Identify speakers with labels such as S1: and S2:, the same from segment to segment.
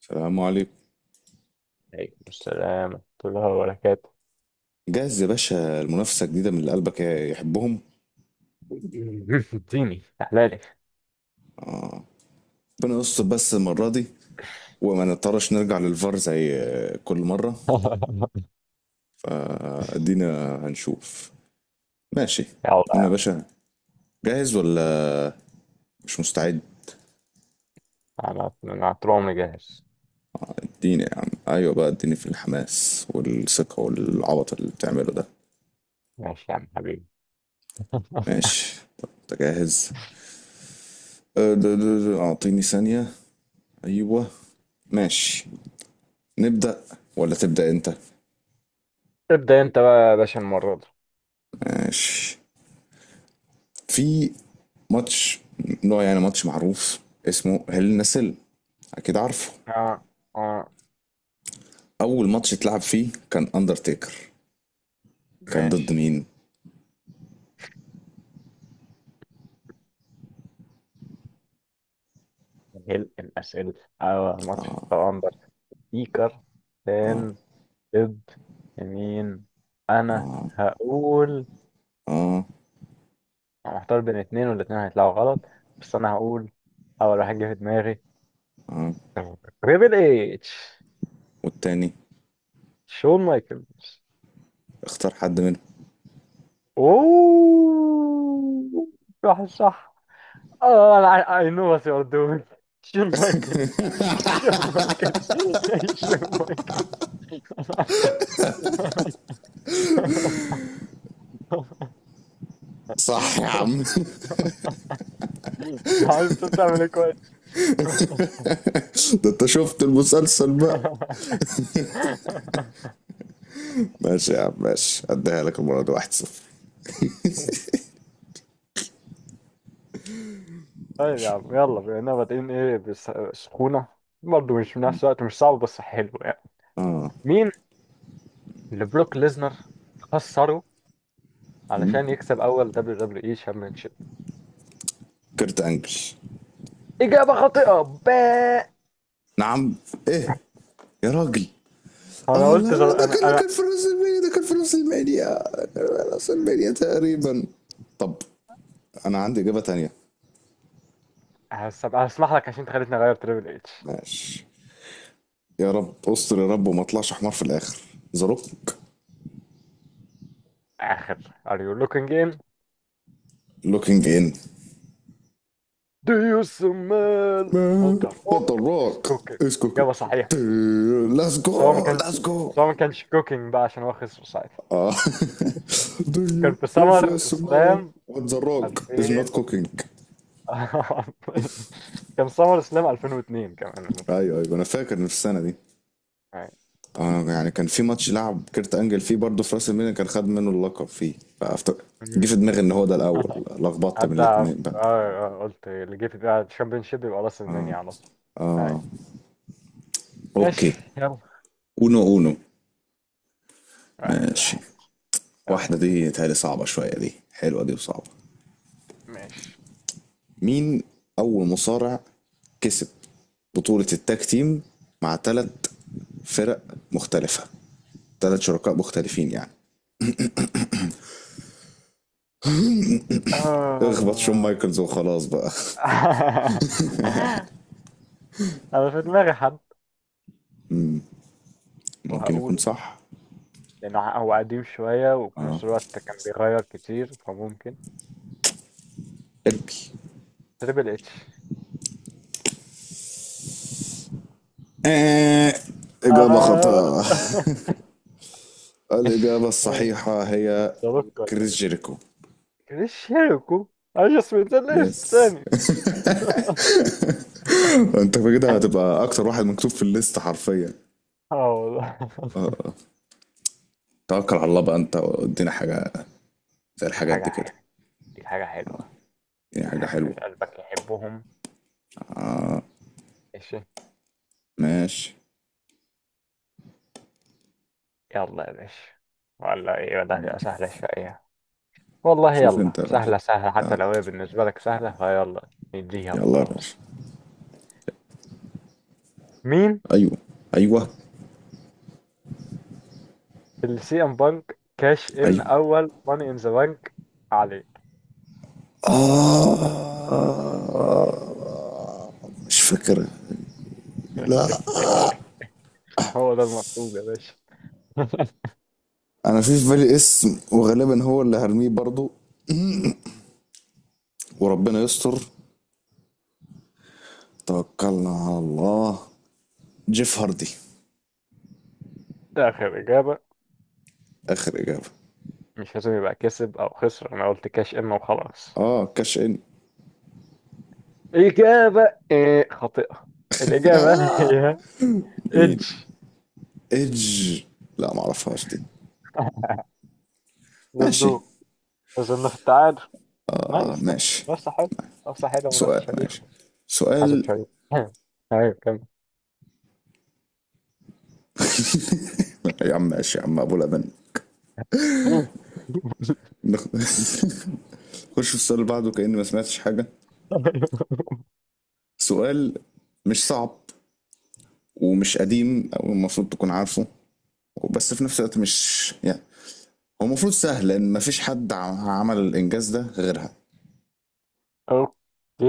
S1: السلام عليكم.
S2: عليكم السلام ورحمة الله وبركاته.
S1: جهز يا باشا المنافسة الجديدة من اللي قلبك يحبهم.
S2: اديني احلالي.
S1: ربنا يستر بس المرة دي وما نضطرش نرجع للفار زي كل مرة. فادينا هنشوف. ماشي. قلنا يا
S2: يلا.
S1: باشا، جاهز ولا مش مستعد؟
S2: انا طول عمري جاهز.
S1: اديني يا عم، ايوه بقى، اديني في الحماس والثقة والعبط اللي بتعمله ده.
S2: ماشي يا عم حبيبي.
S1: ماشي، طب انت جاهز؟ أه، د- د- د- اعطيني ثانية. ايوه. ماشي. نبدأ ولا تبدأ انت؟
S2: ابدأ انت بقى يا باشا المرة دي.
S1: ماشي. في ماتش، نوع يعني ماتش معروف اسمه هيل ان سيل، اكيد عارفه.
S2: اه، اه،
S1: اول ماتش اتلعب فيه كان اندرتيكر، كان ضد
S2: ماشي.
S1: مين؟
S2: هل الأسئلة اه ماتش تواندر سبيكر فان ضد مين؟ انا هقول، انا محتار بين اتنين والاتنين هيطلعوا غلط، بس انا هقول اول واحد جه في دماغي. تريبل اتش.
S1: والتاني؟
S2: شون مايكلز.
S1: اختار حد منهم.
S2: اوه، صح صح، اه انا اي نو وات يو ار دوينج. شون مايكلز، شون مايكلز، شون مايكلز.
S1: صح يا عم.
S2: عارف انت بتعمل ايه، كويس.
S1: ده انت شفت المسلسل بقى. ماشي يا عم ماشي، اديها لك المره دي 1-0.
S2: طيب يا
S1: ماشي.
S2: عم، يلا بما اننا بادئين ايه بس سخونه، برضه مش في نفس الوقت، مش صعب بس حلو يعني. مين اللي بروك ليزنر خسره علشان يكسب اول دبليو دبليو اي شامبيونشيب؟
S1: كرت انجل.
S2: اجابه خاطئه، باء.
S1: نعم؟ ايه يا راجل؟
S2: انا
S1: اه لا
S2: قلت
S1: لا،
S2: زر...
S1: ده كان
S2: انا
S1: اللي
S2: انا
S1: كان في راس المانيا، ده كان في راس المانيا، راس المانيا تقريبا. طب انا عندي اجابه تانية.
S2: هسمح لك عشان انت خليتني اغير تريبل اتش.
S1: ماشي. يا رب استر يا رب وما اطلعش حمار في الاخر. ذا روك.
S2: اخر are you looking in،
S1: لوكينج ان.
S2: do you smell what the
S1: وات ذا
S2: fuck is
S1: روك
S2: cooking؟
S1: از كوكينج.
S2: اجابه صحيحه.
S1: ليتس
S2: بس هو ما
S1: جو
S2: كان،
S1: ليتس جو.
S2: بس هو ما كانش cooking بقى عشان هو خسر ساعتها،
S1: اه Do you-
S2: كان في
S1: if
S2: سمر
S1: yes man
S2: اسلام
S1: what the rock is not
S2: 2000.
S1: cooking.
S2: كان سمر اسلام 2002 كمان المفروض.
S1: ايوه ايوه، انا فاكر إن في السنه دي.
S2: أي.
S1: يعني كان في ماتش لعب كيرت انجل فيه برضه في راس المينا، كان خد منه اللقب فيه، فأفتكر جه في دماغي ان هو ده الاول، لخبطت من
S2: حتى
S1: الاتنين بقى.
S2: قلت اللي جه في بالي الشامبيونشيب يبقى راس المانيا على طول. أي. ماشي،
S1: اوكي.
S2: يلا.
S1: اونو اونو.
S2: واحد
S1: ماشي.
S2: واحد.
S1: واحدة
S2: يلا بيك.
S1: دي تهيألي صعبة شوية، دي حلوة دي وصعبة.
S2: ماشي.
S1: مين أول مصارع كسب بطولة التاج تيم مع تلات فرق مختلفة، تلات شركاء مختلفين يعني؟ اخبط شون
S2: آه.
S1: مايكلز وخلاص بقى.
S2: انا في دماغي حد
S1: ممكن يكون
S2: وهقوله،
S1: صح.
S2: لانه هو قديم شوية وفي
S1: اه
S2: نفس الوقت كان بيغير كتير فممكن.
S1: اركي.
S2: تريبل اتش.
S1: آه. إجابة
S2: آه.
S1: خاطئة. الإجابة الصحيحة هي
S2: صاروخ ولا
S1: كريس
S2: ايه؟
S1: جيريكو.
S2: كريش شيركو. انا اسمه ده ليش
S1: يس.
S2: تاني.
S1: انت كده هتبقى اكتر واحد مكتوب في الليست حرفيا.
S2: اه والله.
S1: آه. توكل على الله بقى، انت ادينا حاجة زي
S2: دي
S1: الحاجات دي كده،
S2: حاجة، ديك حاجة حلوة،
S1: دي
S2: ديك
S1: حاجة
S2: حاجة من
S1: حلوة.
S2: قلبك يحبهم. ماشي،
S1: ماشي
S2: يلا يا باشا، ولا ايه، ده هتبقى سهلة شوية. والله
S1: شوف انت
S2: يلا،
S1: يا غالي.
S2: سهلة سهلة حتى لو هي بالنسبة لك سهلة فيلا، نديها
S1: يلا يا باشا.
S2: وخلاص. مين
S1: ايوه ايوه
S2: اللي سي ام بانك كاش ان
S1: ايوه.
S2: اول ماني ان ذا بانك عليه؟
S1: آه مش فاكر، لا.
S2: هو ده المطلوب يا باشا.
S1: انا في بالي اسم وغالبا هو اللي هرميه برضو، وربنا يستر. توكلنا على الله. جيف هاردي.
S2: ده آخر إجابة،
S1: اخر اجابه.
S2: مش لازم يبقى كسب أو خسر، أنا قلت كاش إن وخلاص.
S1: اه، كاش ان.
S2: إجابة إيه؟ خاطئة. الإجابة هي
S1: مين؟
S2: إدج.
S1: ايدج؟ لا ما اعرفهاش دي.
S2: ليتس
S1: ماشي.
S2: جو. وصلنا في التعادل.
S1: اه
S2: نايس نايس،
S1: ماشي.
S2: منافسة حلوة. منافسة حلوة ومنافسة
S1: سؤال،
S2: شريفة.
S1: ماشي.
S2: حازم
S1: سؤال.
S2: شريف. ايوه كمل.
S1: يا عم ماشي يا عم ابو لبن. نخش في السؤال اللي بعده كأني ما سمعتش حاجة. سؤال مش صعب ومش قديم أو المفروض تكون عارفه، بس في نفس الوقت مش يعني، هو المفروض سهل لأن مفيش حد عمل الإنجاز ده غيرها.
S2: اوكي.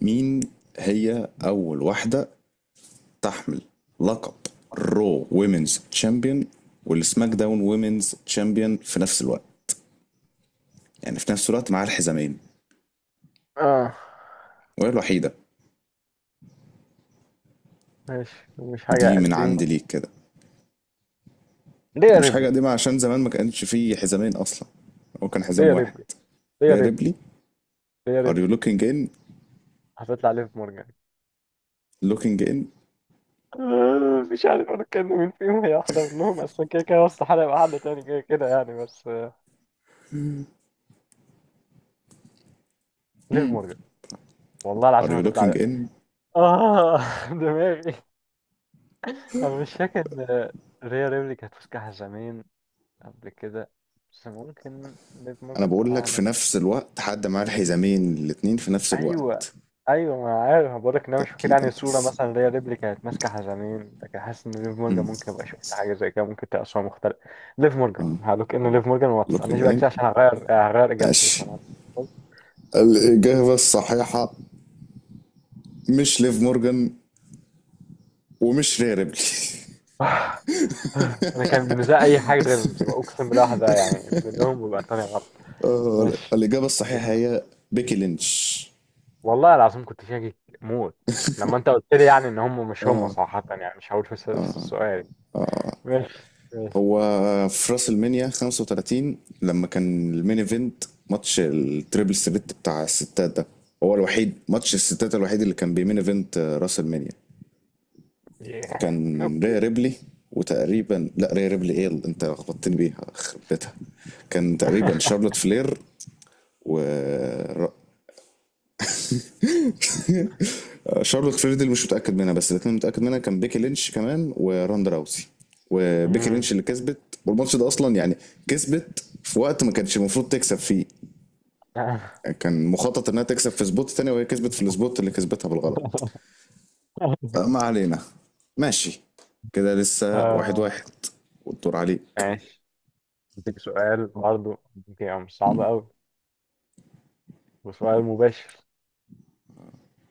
S1: مين هي أول واحدة تحمل لقب رو ويمنز تشامبيون والسماك داون ويمنز تشامبيون في نفس الوقت، يعني في نفس الوقت معاها الحزامين
S2: اه
S1: وهي الوحيدة؟
S2: ماشي، مش حاجة
S1: دي من
S2: قديمة.
S1: عندي ليك كده،
S2: ليا
S1: مش حاجة
S2: ريبلي.
S1: قديمة عشان زمان ما كانش فيه حزامين أصلا، هو كان حزام
S2: ليا
S1: واحد.
S2: ريبلي. ليا ريبلي.
S1: ريبلي.
S2: ليا
S1: are you
S2: ريبلي.
S1: looking in.
S2: هتطلع ليف مورجان.
S1: looking in.
S2: مش عارف انا كان مين فيهم، هي واحدة منهم، اصلا كده كده استحالة يبقى حد تاني كده كده يعني، بس ليف مورجان. والله
S1: are
S2: العظيم
S1: you
S2: هتطلع
S1: looking
S2: ليف.
S1: in.
S2: اه. دماغي. انا مش فاكر. ريا ريبلي كانت ماسكها زمان قبل كده، بس ممكن ليف
S1: أنا
S2: مورجان
S1: بقول لك في
S2: أعمى.
S1: نفس الوقت حد معاه الحزامين الاتنين في نفس
S2: أيوه.
S1: الوقت،
S2: أيوه، ما أنا عارف، بقولك إن أنا مش فاكر
S1: تأكيدا
S2: يعني صورة،
S1: بس.
S2: مثلا اللي هي ريبلي كانت ماسكة حزامين، لكن حاسس إن ليف مورجان
S1: مم.
S2: ممكن أبقى شفت حاجة زي كده، ممكن تبقى صورة مختلفة. ليف مورجان، هقولك إن ليف مورجان، وما
S1: looking
S2: تسألنيش بقى
S1: in.
S2: كتير عشان هغير إجابتي في
S1: ماشي،
S2: الموضوع.
S1: الإجابة الصحيحة مش ليف مورجان ومش ري ريبلي.
S2: آه، آه، أنا كان بالنسبة لي أي حاجة غيرهم تبقى، أقسم بالله واحدة يعني منهم ويبقى التانية غلط.
S1: آه،
S2: ماشي.
S1: الإجابة
S2: الحمد
S1: الصحيحة
S2: لله.
S1: هي بيكي لينش.
S2: والله العظيم كنت شاكك موت لما أنت قلت لي، يعني إن هم مش هم، صراحة يعني مش هقول في السؤال. ماشي، ماشي.
S1: هو في راس المنيا 35 لما كان المين ايفنت ماتش التريبل ثريت بتاع الستات ده، هو الوحيد ماتش الستات الوحيد اللي كان بيمين ايفنت راس المنيا
S2: yeah.
S1: كان
S2: اوكي.
S1: ريا ريبلي. وتقريبا، لا ريا ريبلي، ايه اللي انت لخبطتني بيها، خرب بيتها. كان تقريبا شارلوت فلير و ر- شارلوت فلير دي اللي مش متاكد منها، بس الاثنين متاكد منها كان بيكي لينش كمان وراندا راوسي. وبيكي
S2: مم.
S1: لينش اللي كسبت. والماتش ده اصلا يعني كسبت في وقت ما كانش المفروض تكسب فيه، كان مخطط انها تكسب في سبوت تاني وهي كسبت في السبوت اللي كسبتها بالغلط. ما علينا. ماشي. كده لسه واحد
S2: آه،
S1: واحد والدور عليك.
S2: ماشي، اديك سؤال برضه، يعني مش صعب قوي، وسؤال مباشر.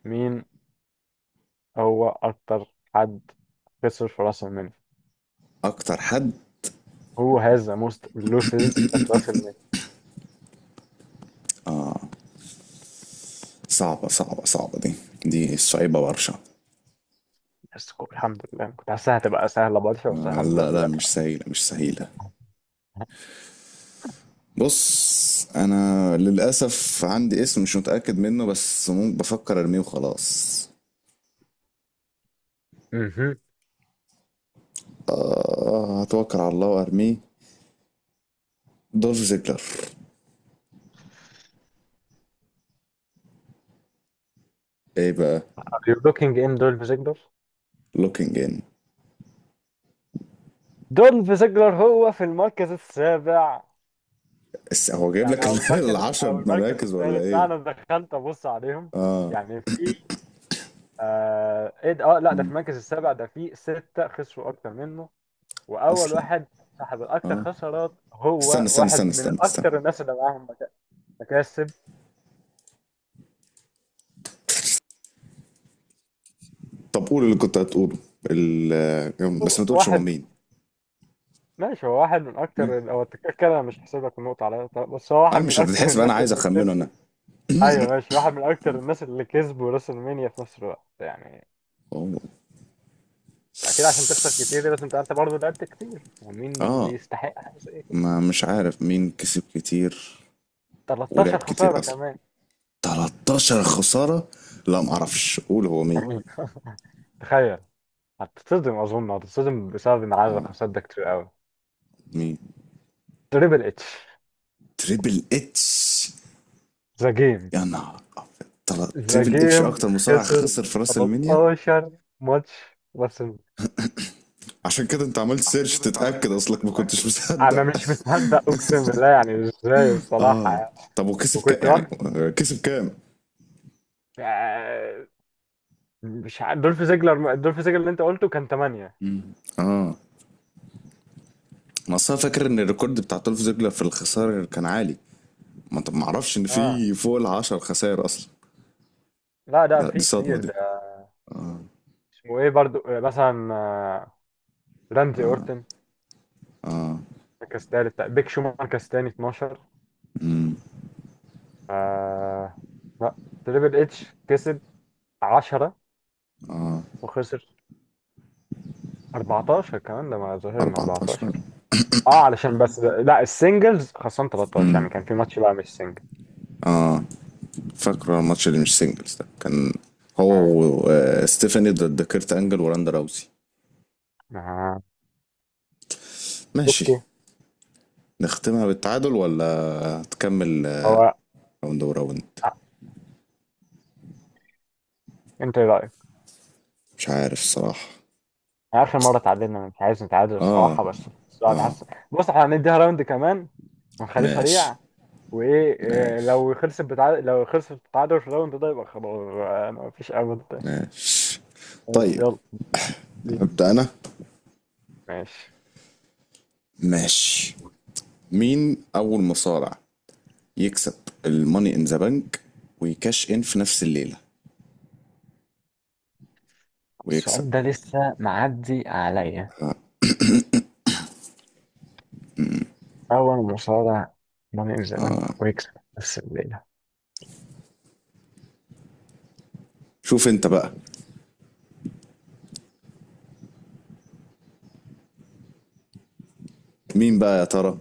S2: مين هو اكتر حد خسر في راس المال؟
S1: اكتر حد.
S2: هو has the most losses at راس المال.
S1: صعبة صعبة صعبة دي، دي صعيبة برشا.
S2: الحمد لله أنا كنت حاسسها هتبقى سهلة برشا، بس الحمد لله
S1: لا لا،
S2: طلعت
S1: مش
S2: سهلة.
S1: سهيلة مش سهيلة. بص انا للاسف عندي اسم مش متاكد منه، بس ممكن بفكر ارميه وخلاص.
S2: مهم.
S1: آه، هتوكل على الله وارميه. دولف زيجلر. ايه بقى؟
S2: Are you looking in دولف زيجلر؟
S1: looking in.
S2: دولف زيجلر هو في المركز السابع.
S1: هو جايب
S2: يعني
S1: لك
S2: او المركز
S1: العشر
S2: او المركز
S1: مراكز ولا
S2: الثالث، لا
S1: ايه
S2: انا دخلت ابص عليهم، يعني في آه ايه ده، اه لا ده في المركز السابع، ده في ستة خسروا اكتر منه. واول
S1: اصلا؟
S2: واحد صاحب الاكتر
S1: اه
S2: خسارات هو
S1: استنى استنى استنى
S2: واحد من
S1: استنى استنى.
S2: اكتر الناس اللي معاهم مكاسب.
S1: طب قول اللي كنت هتقوله، بس ما تقولش هو
S2: واحد.
S1: مين.
S2: ماشي، هو واحد من اكتر
S1: ماشي.
S2: هو التكتيك كده، انا مش هحسب لك النقطة على طب، بس هو
S1: اه
S2: واحد من
S1: مش
S2: اكتر
S1: هتتحسب، انا
S2: الناس
S1: عايز
S2: اللي
S1: اخمنه
S2: كسبوا.
S1: انا.
S2: ايوه ماشي، واحد من اكتر الناس اللي كسبوا راس المنيا في نفس الوقت يعني.
S1: هو،
S2: اكيد عشان تخسر كتير دي لازم تبقى انت برضه لعبت كتير، ومين
S1: اه
S2: يستحق حاجه زي كده.
S1: ما مش عارف مين كسب كتير
S2: 13
S1: ولعب كتير
S2: خساره
S1: اصلا.
S2: كمان.
S1: 13 خسارة. لا ما اعرفش، قول هو مين.
S2: تخيل. هتتصدم، اظن هتتصدم بسبب ان عدد الخسارات ده كتير قوي.
S1: مين؟
S2: تريبل اتش.
S1: تريبل اتش.
S2: ذا جيم.
S1: يا نهار ابيض،
S2: ذا
S1: تريبل اتش
S2: جيم
S1: اكتر مصارع
S2: خسر
S1: خسر في راس المنيا؟
S2: 13 ماتش بس.
S1: عشان كده انت عملت
S2: عشان
S1: سيرش
S2: كده انت عملت
S1: تتاكد اصلك ما
S2: تتاكد،
S1: كنتش
S2: اصلا انا
S1: مصدق.
S2: مش مصدق اقسم بالله، يعني ازاي، الصراحه
S1: اه.
S2: يعني.
S1: طب وكسب كام
S2: وكنت
S1: يعني؟
S2: برضه
S1: كسب كام؟
S2: آه، مش عارف، دولف زيجلر، دولف زيجلر اللي انت قلته كان 8.
S1: اه، ما أصل أنا فاكر ان الريكورد بتاع تولف زيجلر في الخسائر كان عالي. ما طب، ما اعرفش ان
S2: اه
S1: في فوق ال 10 خسائر اصلا.
S2: لا ده
S1: لا دي
S2: في
S1: صدمه
S2: كتير
S1: دي.
S2: ده. اسمه ايه برضو آه، مثلا آه، راندي اورتن مركز تالت، بيك شو مركز تاني، 12. آه. لا تريبل اتش كسب 10 وخسر 14 كمان، ده ما ظهر ان
S1: 14.
S2: 14 اه علشان بس ده. لا السنجلز خسران 13، يعني كان في ماتش بقى مش سنجل.
S1: فاكره الماتش اللي مش سنجلز ده كان هو
S2: آه.
S1: وستيفاني ضد كيرت انجل وراندا راوسي.
S2: آه.
S1: ماشي.
S2: اوكي.
S1: نختمها بالتعادل ولا تكمل؟
S2: هو.
S1: راوند وراوند.
S2: آه. انت ايه رايك؟
S1: مش عارف الصراحه.
S2: يعني اخر مره تعادلنا، مش عايز نتعادل
S1: اه.
S2: الصراحه، بس بس
S1: اه،
S2: حاسس. بص احنا هنديها راوند كمان ونخليه
S1: ماشي
S2: سريع. وايه إيه،
S1: ماشي
S2: لو خلصت بتعادل، لو خلصت بتعادل في الراوند ده يبقى خلاص بقى مفيش امل تاني.
S1: ماشي
S2: بس
S1: طيب.
S2: يلا. دي
S1: أبدأ أنا.
S2: ماشي.
S1: ماشي. مين أول مصارع يكسب الماني إن ذا بنك ويكاش إن في نفس الليلة ويكسب؟
S2: السؤال ده لسه معدي عليا. اول مصارع ماني ان ذا بانك ويكسب نفس الليله.
S1: شوف أنت بقى مين بقى يا ترى.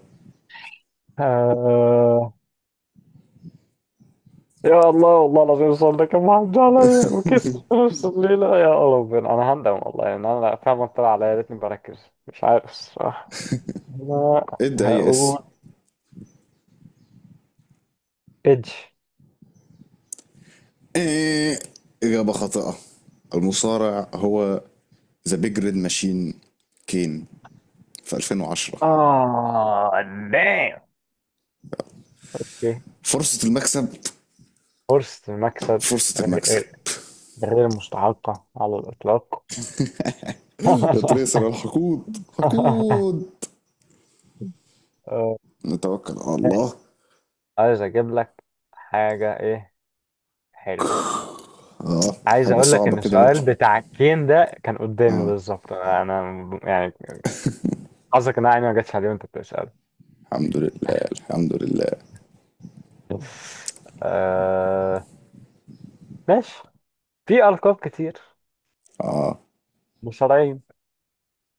S2: آه... يا الله، والله العظيم السؤال ده كان معدي عليا وكسب نفس الليله، يا ربنا انا هندم والله، يعني انا فعلا طلع عليا، يا ريتني بركز، مش عارف الصراحه. انا
S1: ادي أي
S2: هقول
S1: اسم.
S2: ايدج.
S1: إيه؟ إجابة خاطئة. المصارع هو ذا بيج ريد ماشين كين في 2010.
S2: اه دام.
S1: فرصة المكسب
S2: فرصة المكسب،
S1: فرصة المكسب.
S2: غير، غير مستحقة على الإطلاق.
S1: يا تريسر الحقود حقود.
S2: آه،
S1: نتوكل على الله.
S2: ماشي. عايز أجيب لك حاجة إيه حلوة.
S1: اه
S2: عايز
S1: حاجة
S2: أقول لك
S1: صعبة
S2: إن
S1: كده بقى.
S2: السؤال بتاع الكين ده كان قدامي
S1: اه
S2: بالظبط، أنا يعني حظك إن أنا عيني ما جاتش عليه وأنت بتسأل.
S1: الحمد لله الحمد لله.
S2: آه. ماشي. في ألقاب كتير،
S1: اه
S2: مصارعين.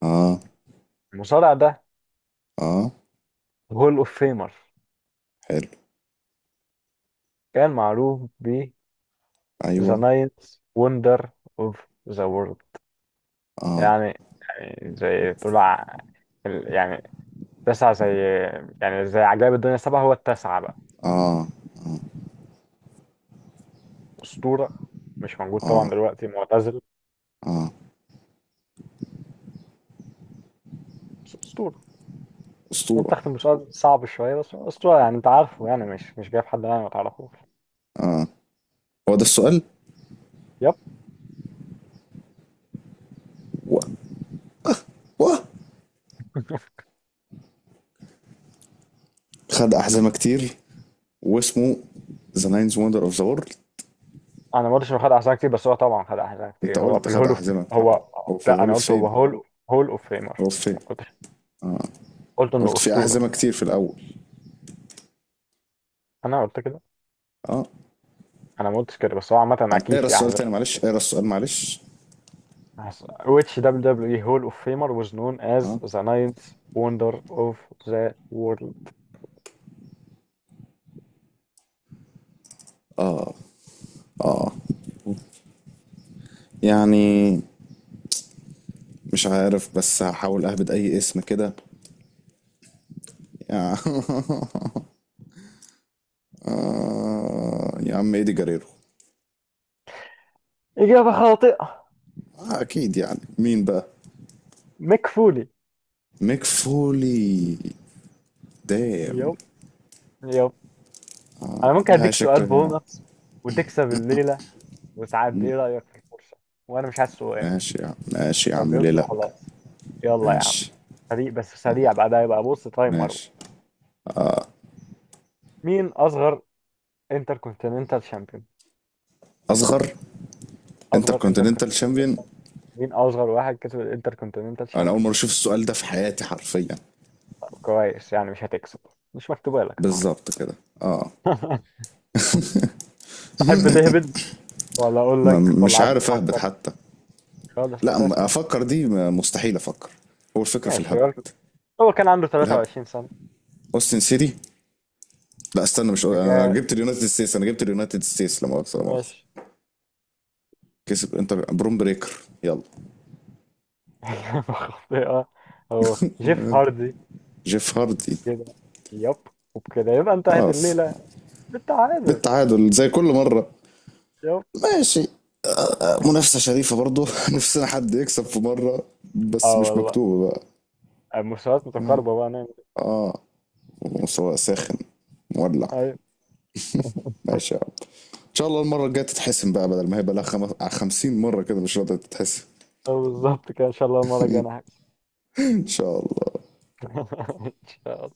S1: اه
S2: المصارع ده
S1: اه،
S2: هول أوف فيمر،
S1: حلو.
S2: كان معروف ب The
S1: ايوه.
S2: Ninth Wonder of the World.
S1: اه
S2: يعني، يعني زي تقول يعني تسعة زي، يعني زي عجائب الدنيا السبعة هو التاسعة بقى.
S1: اه
S2: أسطورة، مش موجود طبعا
S1: اه
S2: دلوقتي، معتزل،
S1: اه.
S2: بس أسطورة.
S1: اسطورة.
S2: منتخب في المسابقة صعب شوية، بس هو أسطورة يعني أنت عارفه، يعني مش جايب حد يعني ما تعرفوش.
S1: هو ده السؤال.
S2: يب.
S1: و و خد أحزمة كتير، واسمه ذا ناينز وندر اوف ذا وورلد.
S2: أنا ما قلتش إنه خد أحزاب كتير، بس هو طبعا خد أحزاب
S1: انت
S2: كتير، هو
S1: قلت
S2: في
S1: خد
S2: الهول أوف.
S1: أحزمة كتير،
S2: هو.
S1: هو في
S2: لا
S1: الهول
S2: أنا
S1: اوف
S2: قلت هو
S1: فيم.
S2: هول، هول أوف فيمر.
S1: هو في فيم.
S2: ما قلتش، قلت إنه
S1: قلت في
S2: أسطورة.
S1: أحزمة كتير في الأول.
S2: أنا قلت كده.
S1: اه،
S2: أنا ما قلتش كده، بس هو عامة أكيد
S1: اقرا
S2: في
S1: السؤال
S2: أحزاب.
S1: تاني معلش، اقرا السؤال معلش.
S2: As which WWE Hall of Famer was known as
S1: اه
S2: the ninth wonder of the world؟
S1: يعني مش عارف، بس هحاول اهبد اي اسم كده. يا. يا عم ايدي جريرو.
S2: إجابة خاطئة.
S1: اكيد يعني مين بقى؟
S2: ميك فولي.
S1: ميك فولي. دام.
S2: يب. يب. أنا ممكن
S1: آه
S2: أديك سؤال
S1: شكلها.
S2: بونص وتكسب الليلة وتعدي، إيه رأيك في الفرصة؟ وأنا مش عايز سؤال،
S1: ماشي يا عم ماشي يا
S2: لو
S1: عم، ليه
S2: جاوبته
S1: لا.
S2: خلاص. يلا يا عم،
S1: ماشي
S2: سريع بس سريع، بعدها يبقى بص تايمر.
S1: ماشي.
S2: مين أصغر انتركونتيننتال شامبيون؟
S1: اصغر
S2: أصغر
S1: انتركونتيننتال
S2: انتركونتيننتال
S1: شامبيون.
S2: شامبيون. مين أصغر واحد كسب الانتركونتيننتال
S1: انا اول
S2: شامبيون؟
S1: مره اشوف السؤال ده في حياتي حرفيا.
S2: طب كويس، يعني مش هتكسب، مش مكتوبة لك النهاردة.
S1: بالظبط كده. اه.
S2: تحب تهبد ولا اقول
S1: ما
S2: لك، ولا
S1: مش
S2: عايز
S1: عارف اهبط
S2: تفكر
S1: حتى.
S2: خالص
S1: لا،
S2: اساسا.
S1: افكر دي مستحيل افكر. هو الفكره في
S2: ماشي.
S1: الهبد
S2: هو كان عنده
S1: الهبد.
S2: 23 سنة.
S1: اوستن سيتي. لا استنى، مش انا
S2: جاء
S1: جبت اليونايتد ستيتس انا جبت اليونايتد ستيتس، لا مؤاخذه لا مؤاخذه.
S2: ماشي.
S1: كسب انتر بروم بريكر. يلا.
S2: إجابة خاطئة. هو جيف هاردي.
S1: جيف هاردي.
S2: كده. يب. وبكده يبقى انتهت
S1: خلاص.
S2: الليلة بالتعادل.
S1: بالتعادل زي كل مره.
S2: يب.
S1: ماشي. منافسه شريفه برضو. نفسنا حد يكسب في مره بس
S2: اه
S1: مش
S2: والله.
S1: مكتوبه بقى.
S2: المستويات متقاربة بقى نعمل
S1: اه. مستوى ساخن مولع.
S2: إيه؟ ايوه.
S1: ماشي يا عم. ان شاء الله المره الجايه تتحسن بقى بدل ما هي بقى لها 50 مره كده مش راضيه تتحسن.
S2: آه بالظبط كده، ان شاء الله المرة الجاية انا هكسب.
S1: ان شاء الله.
S2: ان شاء